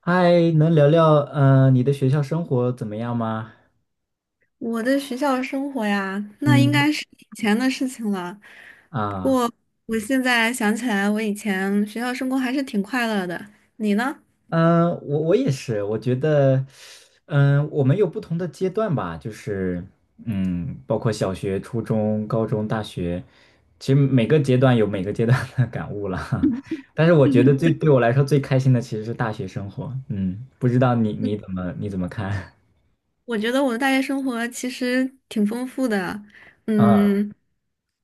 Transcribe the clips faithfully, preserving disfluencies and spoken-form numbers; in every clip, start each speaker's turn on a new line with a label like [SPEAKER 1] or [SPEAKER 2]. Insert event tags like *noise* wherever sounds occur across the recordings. [SPEAKER 1] 嗨，能聊聊嗯你的学校生活怎么样吗？
[SPEAKER 2] 我的学校生活呀，那应
[SPEAKER 1] 嗯。
[SPEAKER 2] 该是以前的事情了。不
[SPEAKER 1] 啊。
[SPEAKER 2] 过我现在想起来，我以前学校生活还是挺快乐的。你呢？
[SPEAKER 1] 嗯，我我也是，我觉得，嗯，我们有不同的阶段吧，就是嗯，包括小学、初中、高中、大学，其实每个阶段有每个阶段的 *laughs* 感悟了。*laughs* 但是我觉得最对我来说最开心的其实是大学生活。嗯，不知道你你怎么你怎么看？
[SPEAKER 2] 我觉得我的大学生活其实挺丰富的，
[SPEAKER 1] *laughs* 啊。
[SPEAKER 2] 嗯，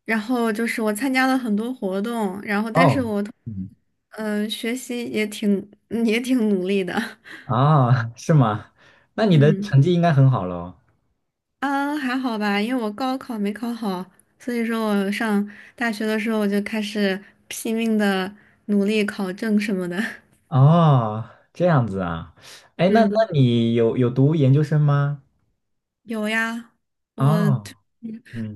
[SPEAKER 2] 然后就是我参加了很多活动，然后但是
[SPEAKER 1] 哦。
[SPEAKER 2] 我，
[SPEAKER 1] 嗯。
[SPEAKER 2] 嗯、学习也挺也挺努力的，
[SPEAKER 1] 啊，是吗？那
[SPEAKER 2] *laughs*
[SPEAKER 1] 你的
[SPEAKER 2] 嗯。
[SPEAKER 1] 成绩应该很好喽。
[SPEAKER 2] 嗯，还好吧，因为我高考没考好，所以说我上大学的时候我就开始拼命的努力考证什么的。*laughs*
[SPEAKER 1] 哦，这样子啊，哎，那那
[SPEAKER 2] 嗯，
[SPEAKER 1] 你有有读研究生吗？
[SPEAKER 2] 有呀，我
[SPEAKER 1] 哦，
[SPEAKER 2] 就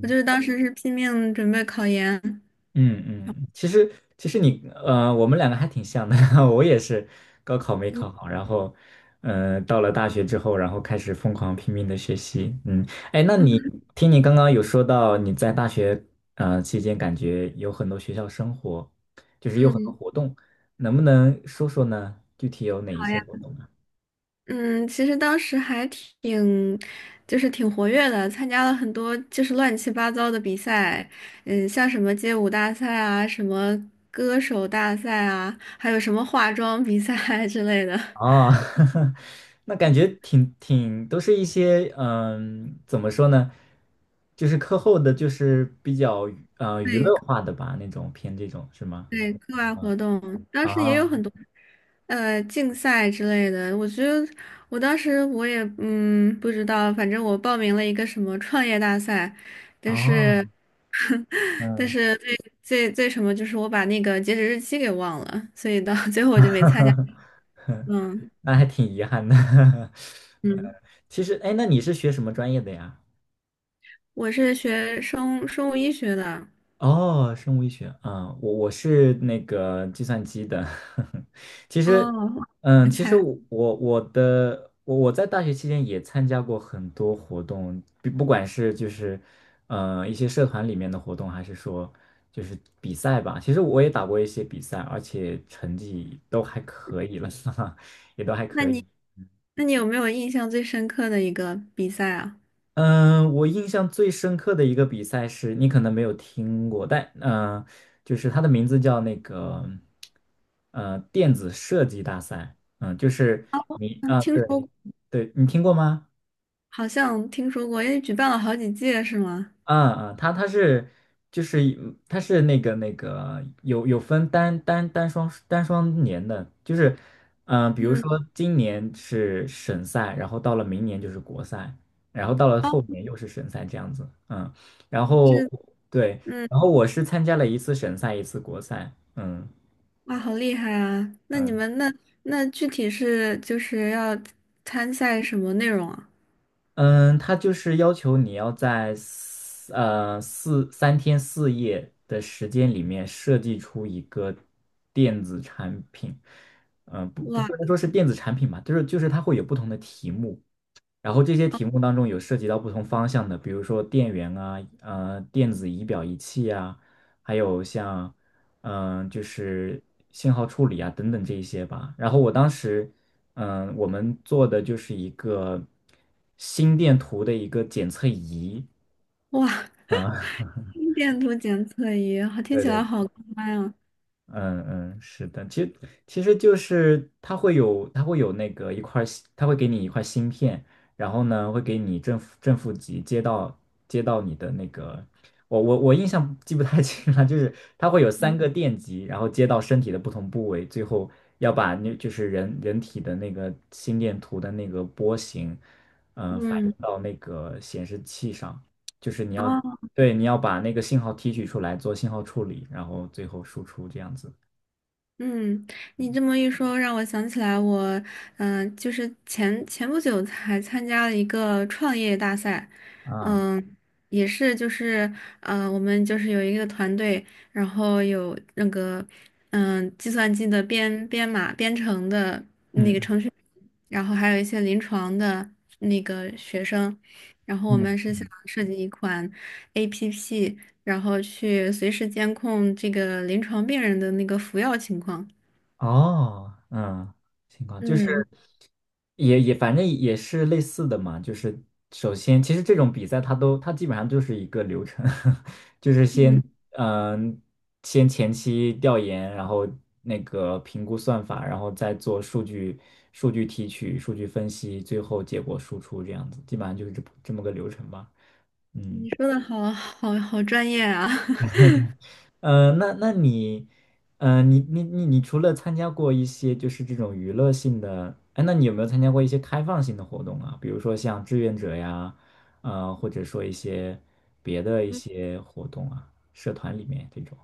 [SPEAKER 2] 我就是当时是拼命准备考研。
[SPEAKER 1] 嗯嗯，其实其实你呃，我们两个还挺像的，*laughs* 我也是高考没
[SPEAKER 2] 嗯，
[SPEAKER 1] 考好，然后呃，到了大学之后，然后开始疯狂拼命的学习，嗯，哎，那你听你刚刚有说到你在大学呃期间感觉有很多学校生活，就是有很多
[SPEAKER 2] 嗯，
[SPEAKER 1] 活动，能不能说说呢？具体有哪一
[SPEAKER 2] 好
[SPEAKER 1] 些
[SPEAKER 2] 呀
[SPEAKER 1] 活动？
[SPEAKER 2] 嗯，其实当时还挺，就是挺活跃的，参加了很多就是乱七八糟的比赛，嗯，像什么街舞大赛啊，什么歌手大赛啊，还有什么化妆比赛 *laughs* 之类的。*laughs*
[SPEAKER 1] 哦，*laughs* 那感觉挺挺都是一些嗯，怎么说呢，就是课后的，就是比较呃娱
[SPEAKER 2] 对。
[SPEAKER 1] 乐化的吧，那种偏这种是吗？
[SPEAKER 2] 对，课外活动，当时也有
[SPEAKER 1] 啊。
[SPEAKER 2] 很多，呃，竞赛之类的。我觉得我当时我也嗯不知道，反正我报名了一个什么创业大赛，但是
[SPEAKER 1] 哦。
[SPEAKER 2] *laughs* 但
[SPEAKER 1] 嗯。
[SPEAKER 2] 是最最最什么就是我把那个截止日期给忘了，所以到 *laughs* 最后我就没参加。
[SPEAKER 1] *laughs*
[SPEAKER 2] 嗯
[SPEAKER 1] 那还挺遗憾的。*laughs* 呃，
[SPEAKER 2] 嗯，
[SPEAKER 1] 其实哎，那你是学什么专业的呀？
[SPEAKER 2] 我是学生生物医学的。
[SPEAKER 1] 哦，生物医学啊，我我是那个计算机的，*laughs* 其实，
[SPEAKER 2] 哦，
[SPEAKER 1] 嗯，
[SPEAKER 2] 人
[SPEAKER 1] 其实
[SPEAKER 2] 才。
[SPEAKER 1] 我我我的我我在大学期间也参加过很多活动，不不管是就是呃一些社团里面的活动，还是说就是比赛吧。其实我也打过一些比赛，而且成绩都还可以了，*laughs* 哈哈，也都还
[SPEAKER 2] 那
[SPEAKER 1] 可
[SPEAKER 2] 你
[SPEAKER 1] 以。
[SPEAKER 2] 那你有没有印象最深刻的一个比赛啊？
[SPEAKER 1] 嗯，我印象最深刻的一个比赛是你可能没有听过，但嗯、呃就是它的名字叫那个呃电子设计大赛，嗯，就是你啊，
[SPEAKER 2] 听说
[SPEAKER 1] 对
[SPEAKER 2] 过。
[SPEAKER 1] 对，你听过吗？
[SPEAKER 2] 好像听说过，因为举办了好几届是吗？
[SPEAKER 1] 嗯嗯，它它是就是一它是那个那个有有分单单单双单双年的，就是嗯、呃比如
[SPEAKER 2] 嗯，
[SPEAKER 1] 说今年是省赛，然后到了明年就是国赛，然后到了
[SPEAKER 2] 哦，
[SPEAKER 1] 后年又是省赛这样子，嗯，然后
[SPEAKER 2] 是，
[SPEAKER 1] 对，
[SPEAKER 2] 嗯，
[SPEAKER 1] 然后我是参加了一次省赛，一次国赛，嗯。
[SPEAKER 2] 哇，好厉害啊！那你
[SPEAKER 1] 嗯。
[SPEAKER 2] 们那那具体是就是要参赛什么内容啊？
[SPEAKER 1] 嗯，他就是要求你要在四呃四三天四夜的时间里面设计出一个电子产品，嗯、不不
[SPEAKER 2] 哇
[SPEAKER 1] 不能说是电子产品吧，就是就是它会有不同的题目，然后这些题目当中有涉及到不同方向的，比如说电源啊，呃，电子仪表仪器啊，还有像，嗯、就是信号处理啊等等这一些吧。然后我当时，嗯、我们做的就是一个心电图的一个检测仪
[SPEAKER 2] 哇，
[SPEAKER 1] 啊，
[SPEAKER 2] *laughs* 心电图检测仪，好，
[SPEAKER 1] *laughs*
[SPEAKER 2] 听
[SPEAKER 1] 对
[SPEAKER 2] 起来
[SPEAKER 1] 对。
[SPEAKER 2] 好高端啊！
[SPEAKER 1] 嗯嗯，是的，其实其实就是它会有它会有那个一块儿芯它会给你一块芯片，然后呢会给你正负正负极接到接到你的那个，我我我印象记不太 *laughs* 清了，就是它会有三个电极，然后接到身体的不同部位，最后要把那就是人人体的那个心电图的那个波形，呃，反映
[SPEAKER 2] 嗯，
[SPEAKER 1] 到那个显示器上，就是你要
[SPEAKER 2] 哦
[SPEAKER 1] 对，你要把那个信号提取出来做信号处理，然后最后输出这样子。
[SPEAKER 2] 嗯，你这么一说，让我想起来我，嗯、就是前前不久才参加了一个创业大赛，
[SPEAKER 1] 啊。
[SPEAKER 2] 嗯、也是就是，呃，我们就是有一个团队，然后有那个，嗯、计算机的编编码编程的那个
[SPEAKER 1] 嗯
[SPEAKER 2] 程序员然后还有一些临床的那个学生，然后我
[SPEAKER 1] 嗯。
[SPEAKER 2] 们是想设计一款 A P P。然后去随时监控这个临床病人的那个服药情况。
[SPEAKER 1] 哦。嗯。情况就是
[SPEAKER 2] 嗯
[SPEAKER 1] 也也反正也是类似的嘛，就是首先其实这种比赛它都它基本上就是一个流程，*laughs* 就是
[SPEAKER 2] 嗯，
[SPEAKER 1] 先嗯、先前期调研，然后那个评估算法，然后再做数据数据提取、数据分析，最后结果输出这样子，基本上就是这这么个流程吧。嗯。
[SPEAKER 2] 你说的好好好专业啊！*laughs*
[SPEAKER 1] 呃，那那你，呃，你你你你除了参加过一些就是这种娱乐性的，哎，那你有没有参加过一些开放性的活动啊？比如说像志愿者呀，呃，或者说一些别的一些活动啊，社团里面这种。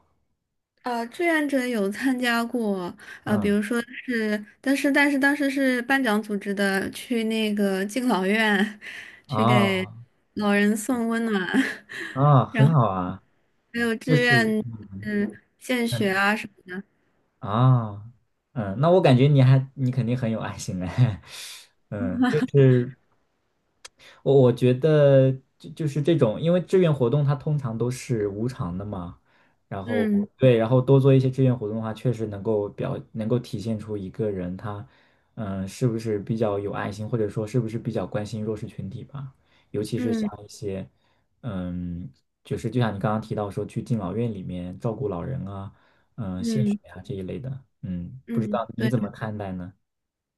[SPEAKER 2] 啊，呃，志愿者有参加过，呃，比
[SPEAKER 1] 嗯。
[SPEAKER 2] 如说是，但是但是当时是班长组织的，去那个敬老院，去给
[SPEAKER 1] 啊
[SPEAKER 2] 老人送温暖，*laughs*
[SPEAKER 1] 啊。很好啊，
[SPEAKER 2] 还有
[SPEAKER 1] 就
[SPEAKER 2] 志
[SPEAKER 1] 是
[SPEAKER 2] 愿，
[SPEAKER 1] 嗯
[SPEAKER 2] 嗯，献血
[SPEAKER 1] 嗯
[SPEAKER 2] 啊什么，
[SPEAKER 1] 啊嗯，那我感觉你还你肯定很有爱心哎，*laughs* 嗯，就是。我我觉得就就是这种，因为志愿活动它通常都是无偿的嘛，然后
[SPEAKER 2] 嗯
[SPEAKER 1] 对，然后多做一些志愿活动的话，确实能够表能够体现出一个人他嗯呃是不是比较有爱心，或者说是不是比较关心弱势群体吧，尤其是像
[SPEAKER 2] 嗯
[SPEAKER 1] 一些嗯，就是就像你刚刚提到说去敬老院里面照顾老人啊，嗯，献血
[SPEAKER 2] 嗯
[SPEAKER 1] 啊这一类的，嗯，不知道
[SPEAKER 2] 嗯，
[SPEAKER 1] 你
[SPEAKER 2] 对。
[SPEAKER 1] 怎么看待呢？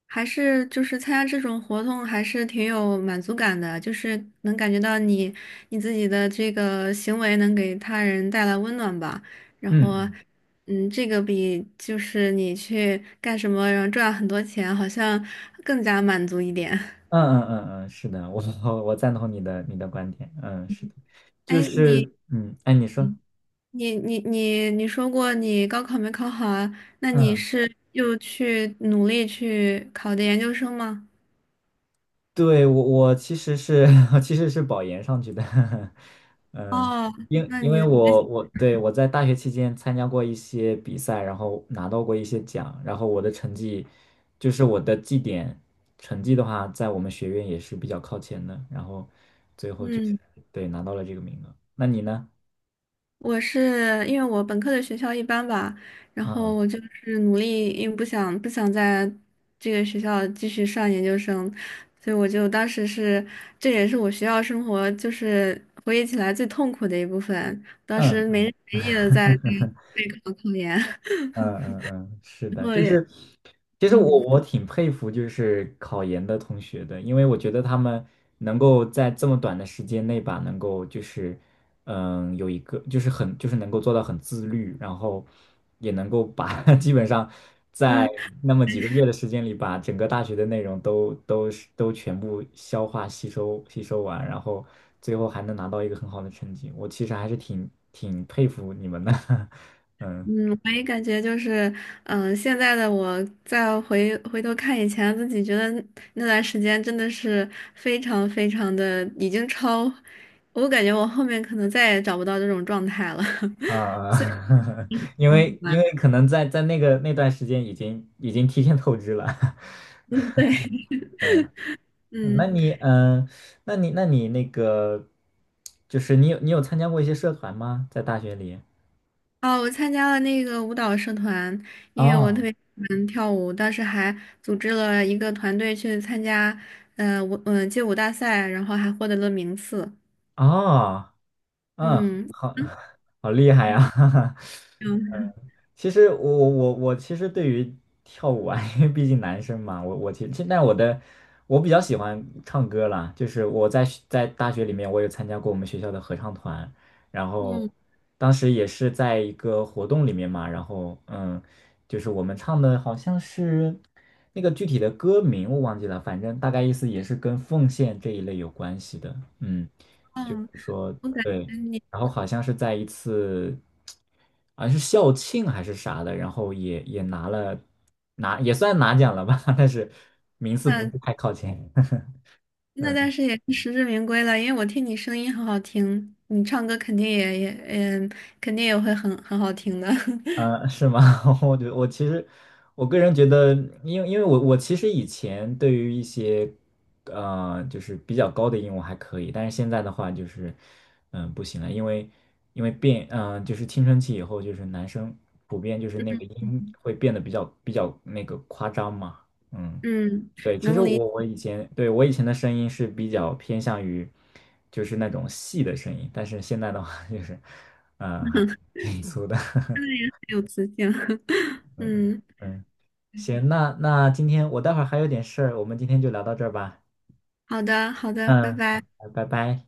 [SPEAKER 2] 还是就是参加这种活动还是挺有满足感的，就是能感觉到你你自己的这个行为能给他人带来温暖吧。然后，
[SPEAKER 1] 嗯
[SPEAKER 2] 嗯，这个比就是你去干什么然后赚很多钱，好像更加满足一点。*laughs*
[SPEAKER 1] 嗯嗯嗯嗯，是的，我我我赞同你的你的观点，嗯，是的，就
[SPEAKER 2] 哎，你
[SPEAKER 1] 是嗯，哎，你说，
[SPEAKER 2] 你你你你说过你高考没考好啊？那你
[SPEAKER 1] 嗯，
[SPEAKER 2] 是又去努力去考的研究生吗？
[SPEAKER 1] 对我我其实是 *laughs* 我其实是保研上去的，*laughs* 嗯，
[SPEAKER 2] 哦，
[SPEAKER 1] 因
[SPEAKER 2] 那
[SPEAKER 1] 因为
[SPEAKER 2] 你
[SPEAKER 1] 我我对我在大学期间参加过一些比赛，然后拿到过一些奖，然后我的成绩就是我的绩点成绩的话，在我们学院也是比较靠前的，然后
[SPEAKER 2] 嗯。
[SPEAKER 1] 对拿到了这个名额，那你呢？
[SPEAKER 2] 我是因为我本科的学校一般吧，然后
[SPEAKER 1] 嗯。
[SPEAKER 2] 我就是努力，因为不想不想在这个学校继续上研究生，所以我就当时是，这也是我学校生活就是回忆起来最痛苦的一部分。当时
[SPEAKER 1] 嗯
[SPEAKER 2] 没日没夜的在在备考考研，
[SPEAKER 1] 嗯嗯嗯，是
[SPEAKER 2] *laughs* 然
[SPEAKER 1] 的，
[SPEAKER 2] 后
[SPEAKER 1] 就
[SPEAKER 2] 也
[SPEAKER 1] 是，其实我
[SPEAKER 2] 嗯，
[SPEAKER 1] 我挺佩服就是考研的同学的，因为我觉得他们能够在这么短的时间内吧，能够就是，嗯，有一个就是很就是能够做到很自律，然后也能够把 *laughs* 基本上在
[SPEAKER 2] 那。
[SPEAKER 1] 那么几个月的时间里，把整个大学的内容都都是都全部消化吸收吸收完，然后最后还能拿到一个很好的成绩，我其实还是挺挺佩服你们的，*laughs* 嗯。
[SPEAKER 2] 嗯，我也感觉就是，嗯、现在的我再回回头看以前自己，觉得那段时间真的是非常非常的已经超，我感觉我后面可能再也找不到这种状态了。*laughs*
[SPEAKER 1] 啊，*laughs* 因为因为可能在在那个那段时间已经已经提前透支了，*laughs*
[SPEAKER 2] 嗯，对，
[SPEAKER 1] 嗯，那
[SPEAKER 2] 嗯，
[SPEAKER 1] 你嗯，那你那你那个，就是你有你有参加过一些社团吗？在大学里？
[SPEAKER 2] 哦，我参加了那个舞蹈社团，因为我特
[SPEAKER 1] 哦
[SPEAKER 2] 别喜欢跳舞，当时还组织了一个团队去参加，呃，舞，嗯、街舞大赛，然后还获得了名次。
[SPEAKER 1] 哦。嗯。
[SPEAKER 2] 嗯
[SPEAKER 1] 好。*laughs* 好厉害
[SPEAKER 2] 嗯
[SPEAKER 1] 呀，*laughs*
[SPEAKER 2] 嗯。
[SPEAKER 1] 其实我我我我其实对于跳舞啊，*laughs* 因为毕竟男生嘛，我我其实但我的我比较喜欢唱歌啦，就是我在学在大学里面，我有参加过我们学校的合唱团，然后
[SPEAKER 2] 嗯，
[SPEAKER 1] 当时也是在一个活动里面嘛，然后嗯，就是我们唱的好像是那个具体的歌名我忘记了，反正大概意思也是跟奉献这一类有关系的，嗯，就是
[SPEAKER 2] 哦，
[SPEAKER 1] 说
[SPEAKER 2] 我感
[SPEAKER 1] 对。
[SPEAKER 2] 觉你。
[SPEAKER 1] 然后好像是在一次，好像是校庆还是啥的，然后也也拿了拿也算拿奖了吧，*laughs* 但是名次不
[SPEAKER 2] 那
[SPEAKER 1] 是太靠前。*laughs*
[SPEAKER 2] 那但是也是实至名归了，因为我听你声音很好听，你唱歌肯定也也嗯，肯定也会很很好听的。*laughs*
[SPEAKER 1] 嗯，是吗？*laughs* 我觉得我其实，我个人觉得，因为因为我我其实以前对于一些，呃，就是比较高的音我还可以，但是现在的话就是，嗯、不行了，因为因为变，嗯、就是青春期以后，就是男生普遍就是那个音会变得比较比较那个夸张嘛，嗯，
[SPEAKER 2] 嗯，
[SPEAKER 1] 对，其实
[SPEAKER 2] 能理
[SPEAKER 1] 我我
[SPEAKER 2] 解
[SPEAKER 1] 以前对我以前的声音是比较偏向于，就是那种细的声音，但是现在的话就是，嗯、还挺粗的。*laughs*
[SPEAKER 2] 有磁性。*laughs*
[SPEAKER 1] 嗯嗯，
[SPEAKER 2] 嗯，
[SPEAKER 1] 嗯，行，那那今天我待会儿还有点事儿，我们今天就聊到这儿吧。
[SPEAKER 2] 好的好的，拜
[SPEAKER 1] 嗯，好，
[SPEAKER 2] 拜。
[SPEAKER 1] 拜拜。